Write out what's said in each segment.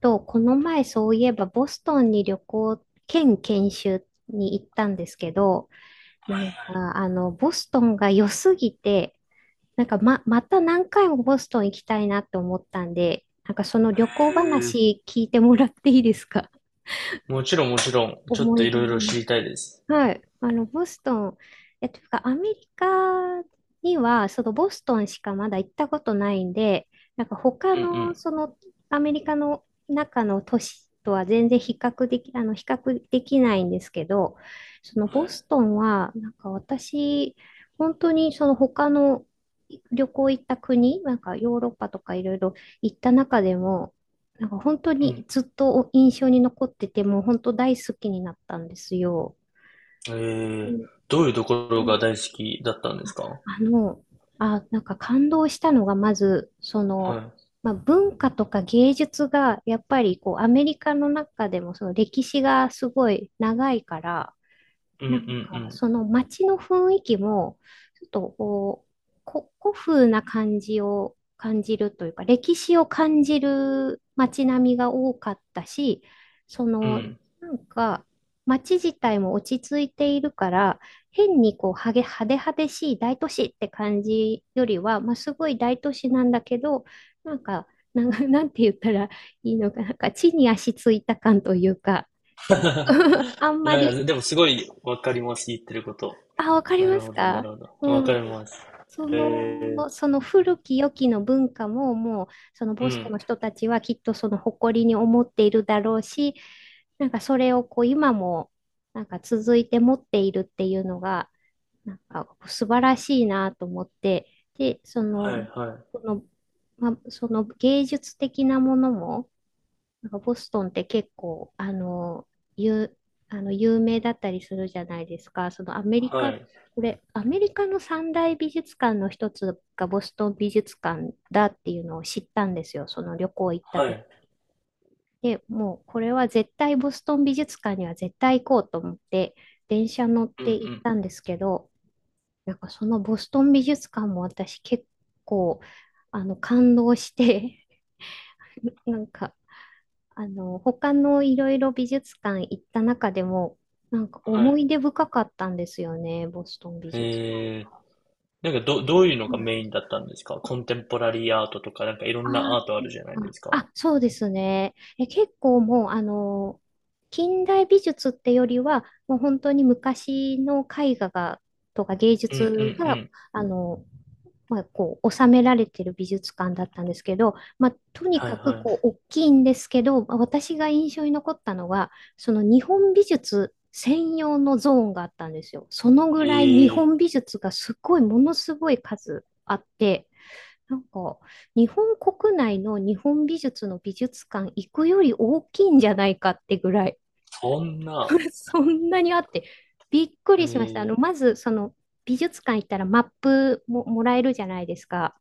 この前そういえばボストンに旅行兼研修に行ったんですけど、はいボストンが良すぎて、また何回もボストン行きたいなって思ったんで、なんかそのは旅行いへえ。話聞いてもらっていいですか？もちろんもちろん、ちょっ思といい出ろいろ知話。りたいです。はい。ボストン、というか、アメリカには、そのボストンしかまだ行ったことないんで、なんか他うの、んアメリカの中の都市とは全然比較でき、あの、比較できないんですけど、そのはボスい。トンは、なんか私、本当にその他の旅行行った国、なんかヨーロッパとかいろいろ行った中でも、なんか本当うん。はにいずっと印象に残ってて、もう本当大好きになったんですよ。うん。えうえ、んどういうところうがん。大好きだったんですか？あの、なんか感動したのが、まず、はい。まあ、文化とか芸術が、やっぱりこう、アメリカの中でも、その歴史がすごい長いから、うんうなんか、んその街の雰囲気も、ちょっとこう、古風な感じを感じるというか、歴史を感じる街並みが多かったし、そうん。うの、ん。なんか、街自体も落ち着いているから、変にこう、派手派手しい大都市って感じよりは、まあ、すごい大都市なんだけど、なんか、なんて言ったらいいのか、なんか、地に足ついた感というか、あんいまやいり。や、でもすごいわかります、言ってること。あ、わかりなまるすほど、なか？るほど。わかうん。ります。そへえ。の、その古き良きの文化ももう、そのうボストンのん。人たちはきっとその誇りに思っているだろうし、なんかそれをこう今もなんか続いて持っているっていうのが、なんか素晴らしいなと思って、で、そはの、いはい。その、まあ、その芸術的なものも、なんかボストンって結構、有、あの有名だったりするじゃないですか。そのアメリはカ、い。これ、アメリカの三大美術館の一つがボストン美術館だっていうのを知ったんですよ。その旅行行ったは時。い。で、もうこれは絶対ボストン美術館には絶対行こうと思って、電車乗っうんうて行っん。たんですけど、なんかそのボストン美術館も私結構、あの、感動して、なんか、あの、他のいろいろ美術館行った中でも、なんかは思い。い出深かったんですよね、ボストン美術館。へえ。どういうのうがん、メインだったんですか？コンテンポラリーアートとか、なんかいろんなあアートあるじゃないですか。結構もう、あの、近代美術ってよりは、もう本当に昔の絵画が、とか芸うんう術が、んあの、まあ、こう収められてる美術館だったんですけど、まあ、とにはかいくはこう大きいんですけど、まあ私が印象に残ったのはその日本美術専用のゾーンがあったんですよ。そのぐい。らい日ええ、本美術がすごいものすごい数あって、なんか日本国内の日本美術の美術館行くより大きいんじゃないかってぐらい、 そんな。そんなにあって、びっくえりしました。あえ、の、まず、その、美術館行ったらマップももらえるじゃないですか。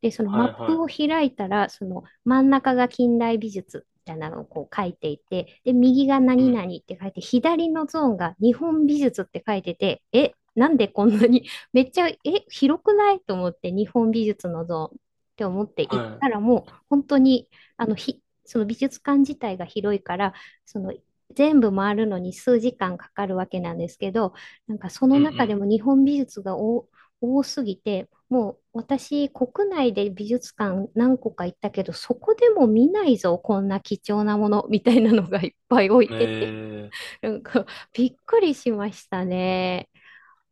で、そのマはッいプはを開いたら、その真ん中が近代美術みたいなのをこう書いていて、で、右がい。う何ん、々って書いて、左のゾーンが日本美術って書いてて、え、なんでこんなに、めっちゃ、え、広くないと思って、日本美術のゾーンって思って行っはたら、もう本当に、その美術館自体が広いから、その全部回るのに数時間かかるわけなんですけど、なんかそのい。う中でんも日本美術が多多すぎて、もう私、国内で美術館何個か行ったけど、そこでも見ないぞ、こんな貴重なものみたいなのがいっぱい置いうん。えてて、え、なんかびっくりしましたね。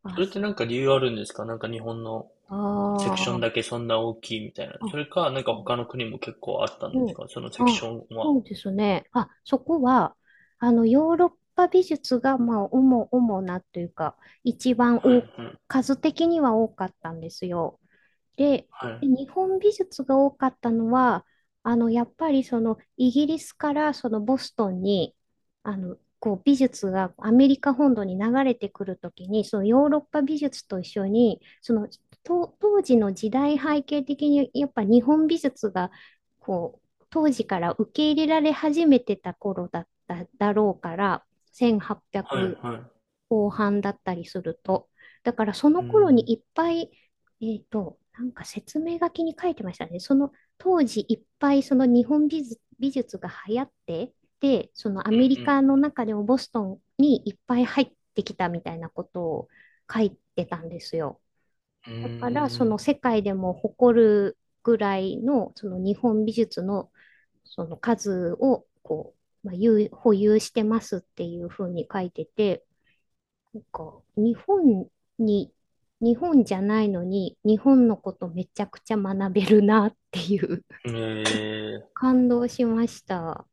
あ、それってなんか理由あるんですか？なんか日本のあセクションーだけそんな大きいみたいな。あ、それか、なんか他の国も結構あったんうですん。か？そのセクシあ、ョンは。そうですね。あ、そこは、あの、ヨーロッパ美術が、まあ、主なというか、一番はい多はい。数的には多かったんですよ。で、はでい。日本美術が多かったのは、あの、やっぱりそのイギリスからそのボストンに、あの、こう美術がアメリカ本土に流れてくるときに、そのヨーロッパ美術と一緒に、と当時の時代背景的にやっぱ日本美術がこう当時から受け入れられ始めてた頃だっただろうから、はい1800はい。後半だったりすると。だからそうの頃ーにん。いっぱい、なんか説明書きに書いてましたね。その当時いっぱいその日本美術、美術が流行って、で、そのアうメリんカの中でもボストンにいっぱい入ってきたみたいなことを書いてたんですよ。うだからそのん。世界でも誇るぐらいのその日本美術のその数をまあ、保有してますっていうふうに書いてて、か、日本に、日本じゃないのに、日本のことめちゃくちゃ学べるなっていう。うーん。ええ、感動しました。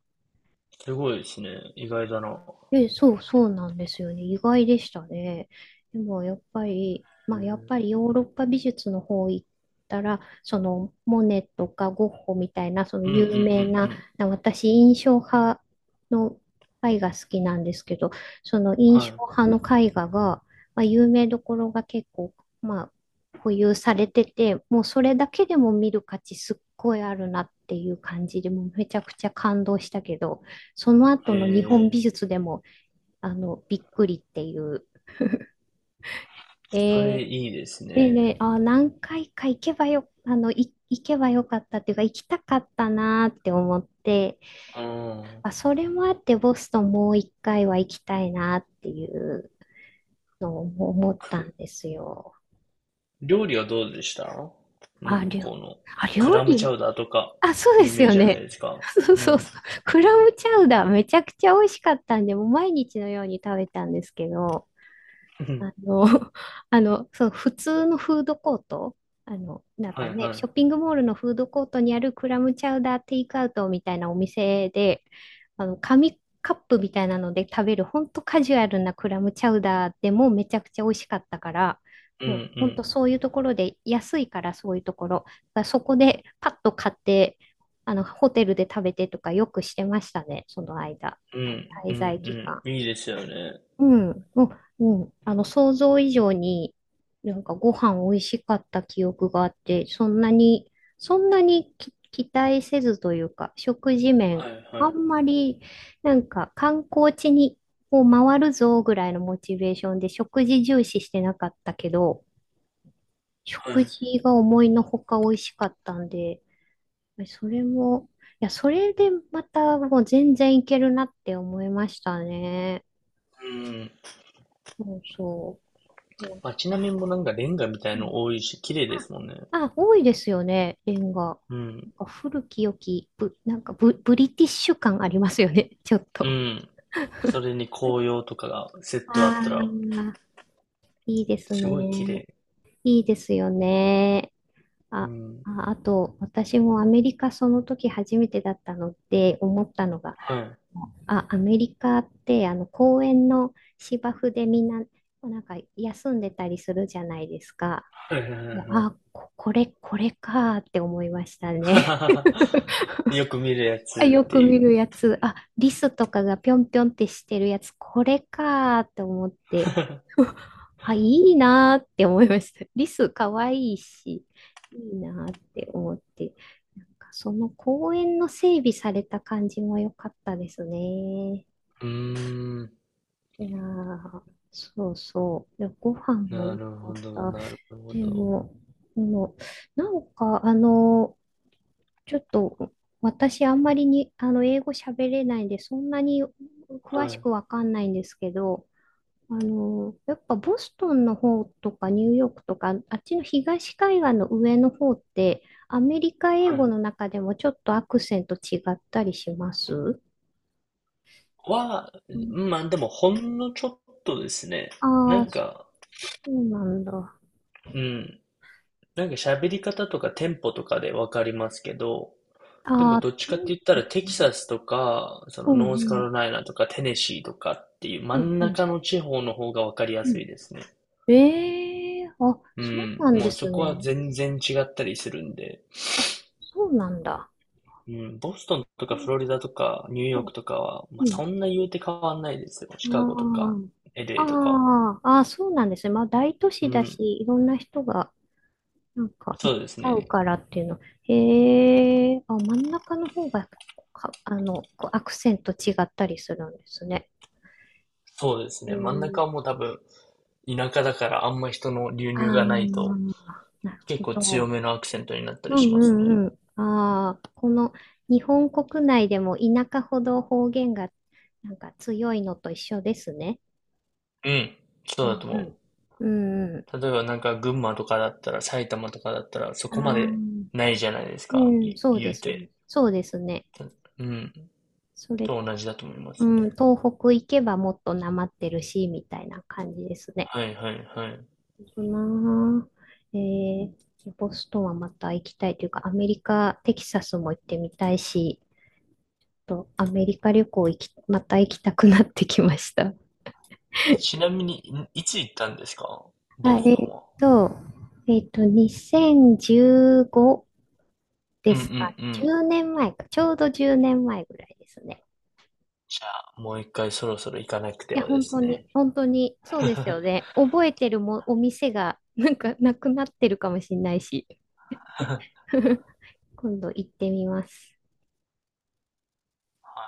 すごいですね。意外だな。へえ、そう、そうなんですよね。意外でしたね。でも、やっぱりえ。ヨーロッパ美術の方行ったら、その、モネとかゴッホみたいな、そのうんうん有名うな、んうん。な私、印象派の絵画好きなんですけど、そのは印象派の絵画が、まあ、有名どころが結構、まあ、保有されてて、もうそれだけでも見る価値すっごいあるなっていう感じで、もうめちゃくちゃ感動したけど、そのい。え後の日本美え、術でも、あの、びっくりっていう。それえー、いいですでね。ね、あ、何回か行けばよかったっていうか、行きたかったなーって思って、うーん。あ、それもあってボストンもう一回は行きたいなっていうのを思ったく、んですよ。料理はどうでした、向あ、りょ、こうの。あ、ク料ラムチ理。ャウダーとか、あ、そうで有す名よじゃなね。いです か。そううそうん。そう。クラムチャウダーめちゃくちゃ美味しかったんで、もう毎日のように食べたんですけど、うん。あの、あの、そう、普通のフードコート、あの、なんはかいね、ショはッピングモールのフードコートにあるクラムチャウダーテイクアウトみたいなお店で、あの、紙カップみたいなので食べる、ほんとカジュアルなクラムチャウダーでもめちゃくちゃ美味しかったから、い。うんうもうほんん。とそういうところで、安いからそういうところ、だからそこでパッと買って、あの、ホテルで食べてとかよくしてましたね、その間、うんう滞ん在期う間。ん。いいですよね。うん、もう、うん、あの、想像以上に、なんかご飯美味しかった記憶があって、そんなに期待せずというか、食事面、はいはあんいまり、なんか観光地にを回るぞぐらいのモチベーションで食事重視してなかったけど、はい。食事が思いのほか美味しかったんで、それも、いや、それでまたもう全然いけるなって思いましたね。うん。そうそう。街並みもなんかレンガみたいうんの多いし、綺麗であ、すもんね。多いですよね、レンガ。うなん。んか古き良き、ぶ、なんかブ、ブリティッシュ感ありますよね、ちょっうと。ん。それに紅葉とかがセットああったら、あ、いいですすごい綺ね。麗。いいですよね。うあ、ん。あと、私もアメリカその時初めてだったので思ったのが、はい。あ、アメリカってあの公園の芝生でみんな、なんか休んでたりするじゃないですか。はいはいいやはあ、いこ、これ、これかーって思いましたね。は い。よく見るやあ、つよってくい見う。るやつ。あ、リスとかがぴょんぴょんってしてるやつ、これかーって思って。あ、いいなーって思いました。リスかわいいし、いいなーって思って。なんかその公園の整備された感じも良かったですね。うーん。いやー、そうそう。でご飯もな良るほかっど、た。なるほでど。も、あの、なんか、あの、ちょっと、私、あんまりに、あの、英語喋れないんで、そんなには詳しい、くわかんないんですけど、あの、やっぱボストンの方とかニューヨークとか、あっちの東海岸の上の方って、アメリカ英は語い。の中でもちょっとアクセント違ったりしますは、うん。まあでもほんのちょっとですね。なああ、んそか、うなんだ。うん。なんか喋り方とかテンポとかでわかりますけど、であもあ、どっちテかってン言ったポらかテな。キサスとか、そうのんうノースカん、ロライナとかテネシーとかっていう真うんんうん、中の地方の方がわかりやうすいん。ですね。うそうん。なんもでうそすこはね。全然違ったりするんで。あ、そうなんだ。うん、ボストンとうかフんロリダとかニューヨークとかは、うまあ、そん。んな言うて変わんないですよ。シカゴとか、ああ、LA とかは。ああ、ああ、そうなんですね。まあ、大都う市だし、ん、いろんな人が、なんか、行そきうです交うね。からっていうの。へえ、あ、真ん中の方が、か、あの、こうアクセント違ったりするんですね。そうですうね。真ん中ん。はもう多分、田舎だからあんま人の流あ入がないあ、と、なる結ほ構強ど。めのアクセントになったうりしんうますね。んうん。ああ、日本国内でも田舎ほど方言が、なんか強いのと一緒ですね。うん、そううだんとう思ん。うんうん。う。例えばなんか群馬とかだったら、埼玉とかだったら、そあこまであ。ないじゃないですうか、ん、いそうで言うすね。て。そうですね。た、うん、それ、と同じだと思いまうすん、ね。東北行けばもっとなまってるし、みたいな感じですね。はいはいはい。そうなあえーボストンはまた行きたいというか、アメリカ、テキサスも行ってみたいし、と、アメリカ旅行また行きたくなってきました。え、ちなみに、んいつ行ったんですか、 ボはい、スえトーンっは。と、2015年うでんうんうすかね。ん。年前か、ちょうど10年前ぐらいですね。じゃあ、もう一回そろそろ行かなくていや、はで本す当ね。に、本当に、そうですよ ね。覚えてるも、お店が、なんか、なくなってるかもしれないし。今度行ってみます。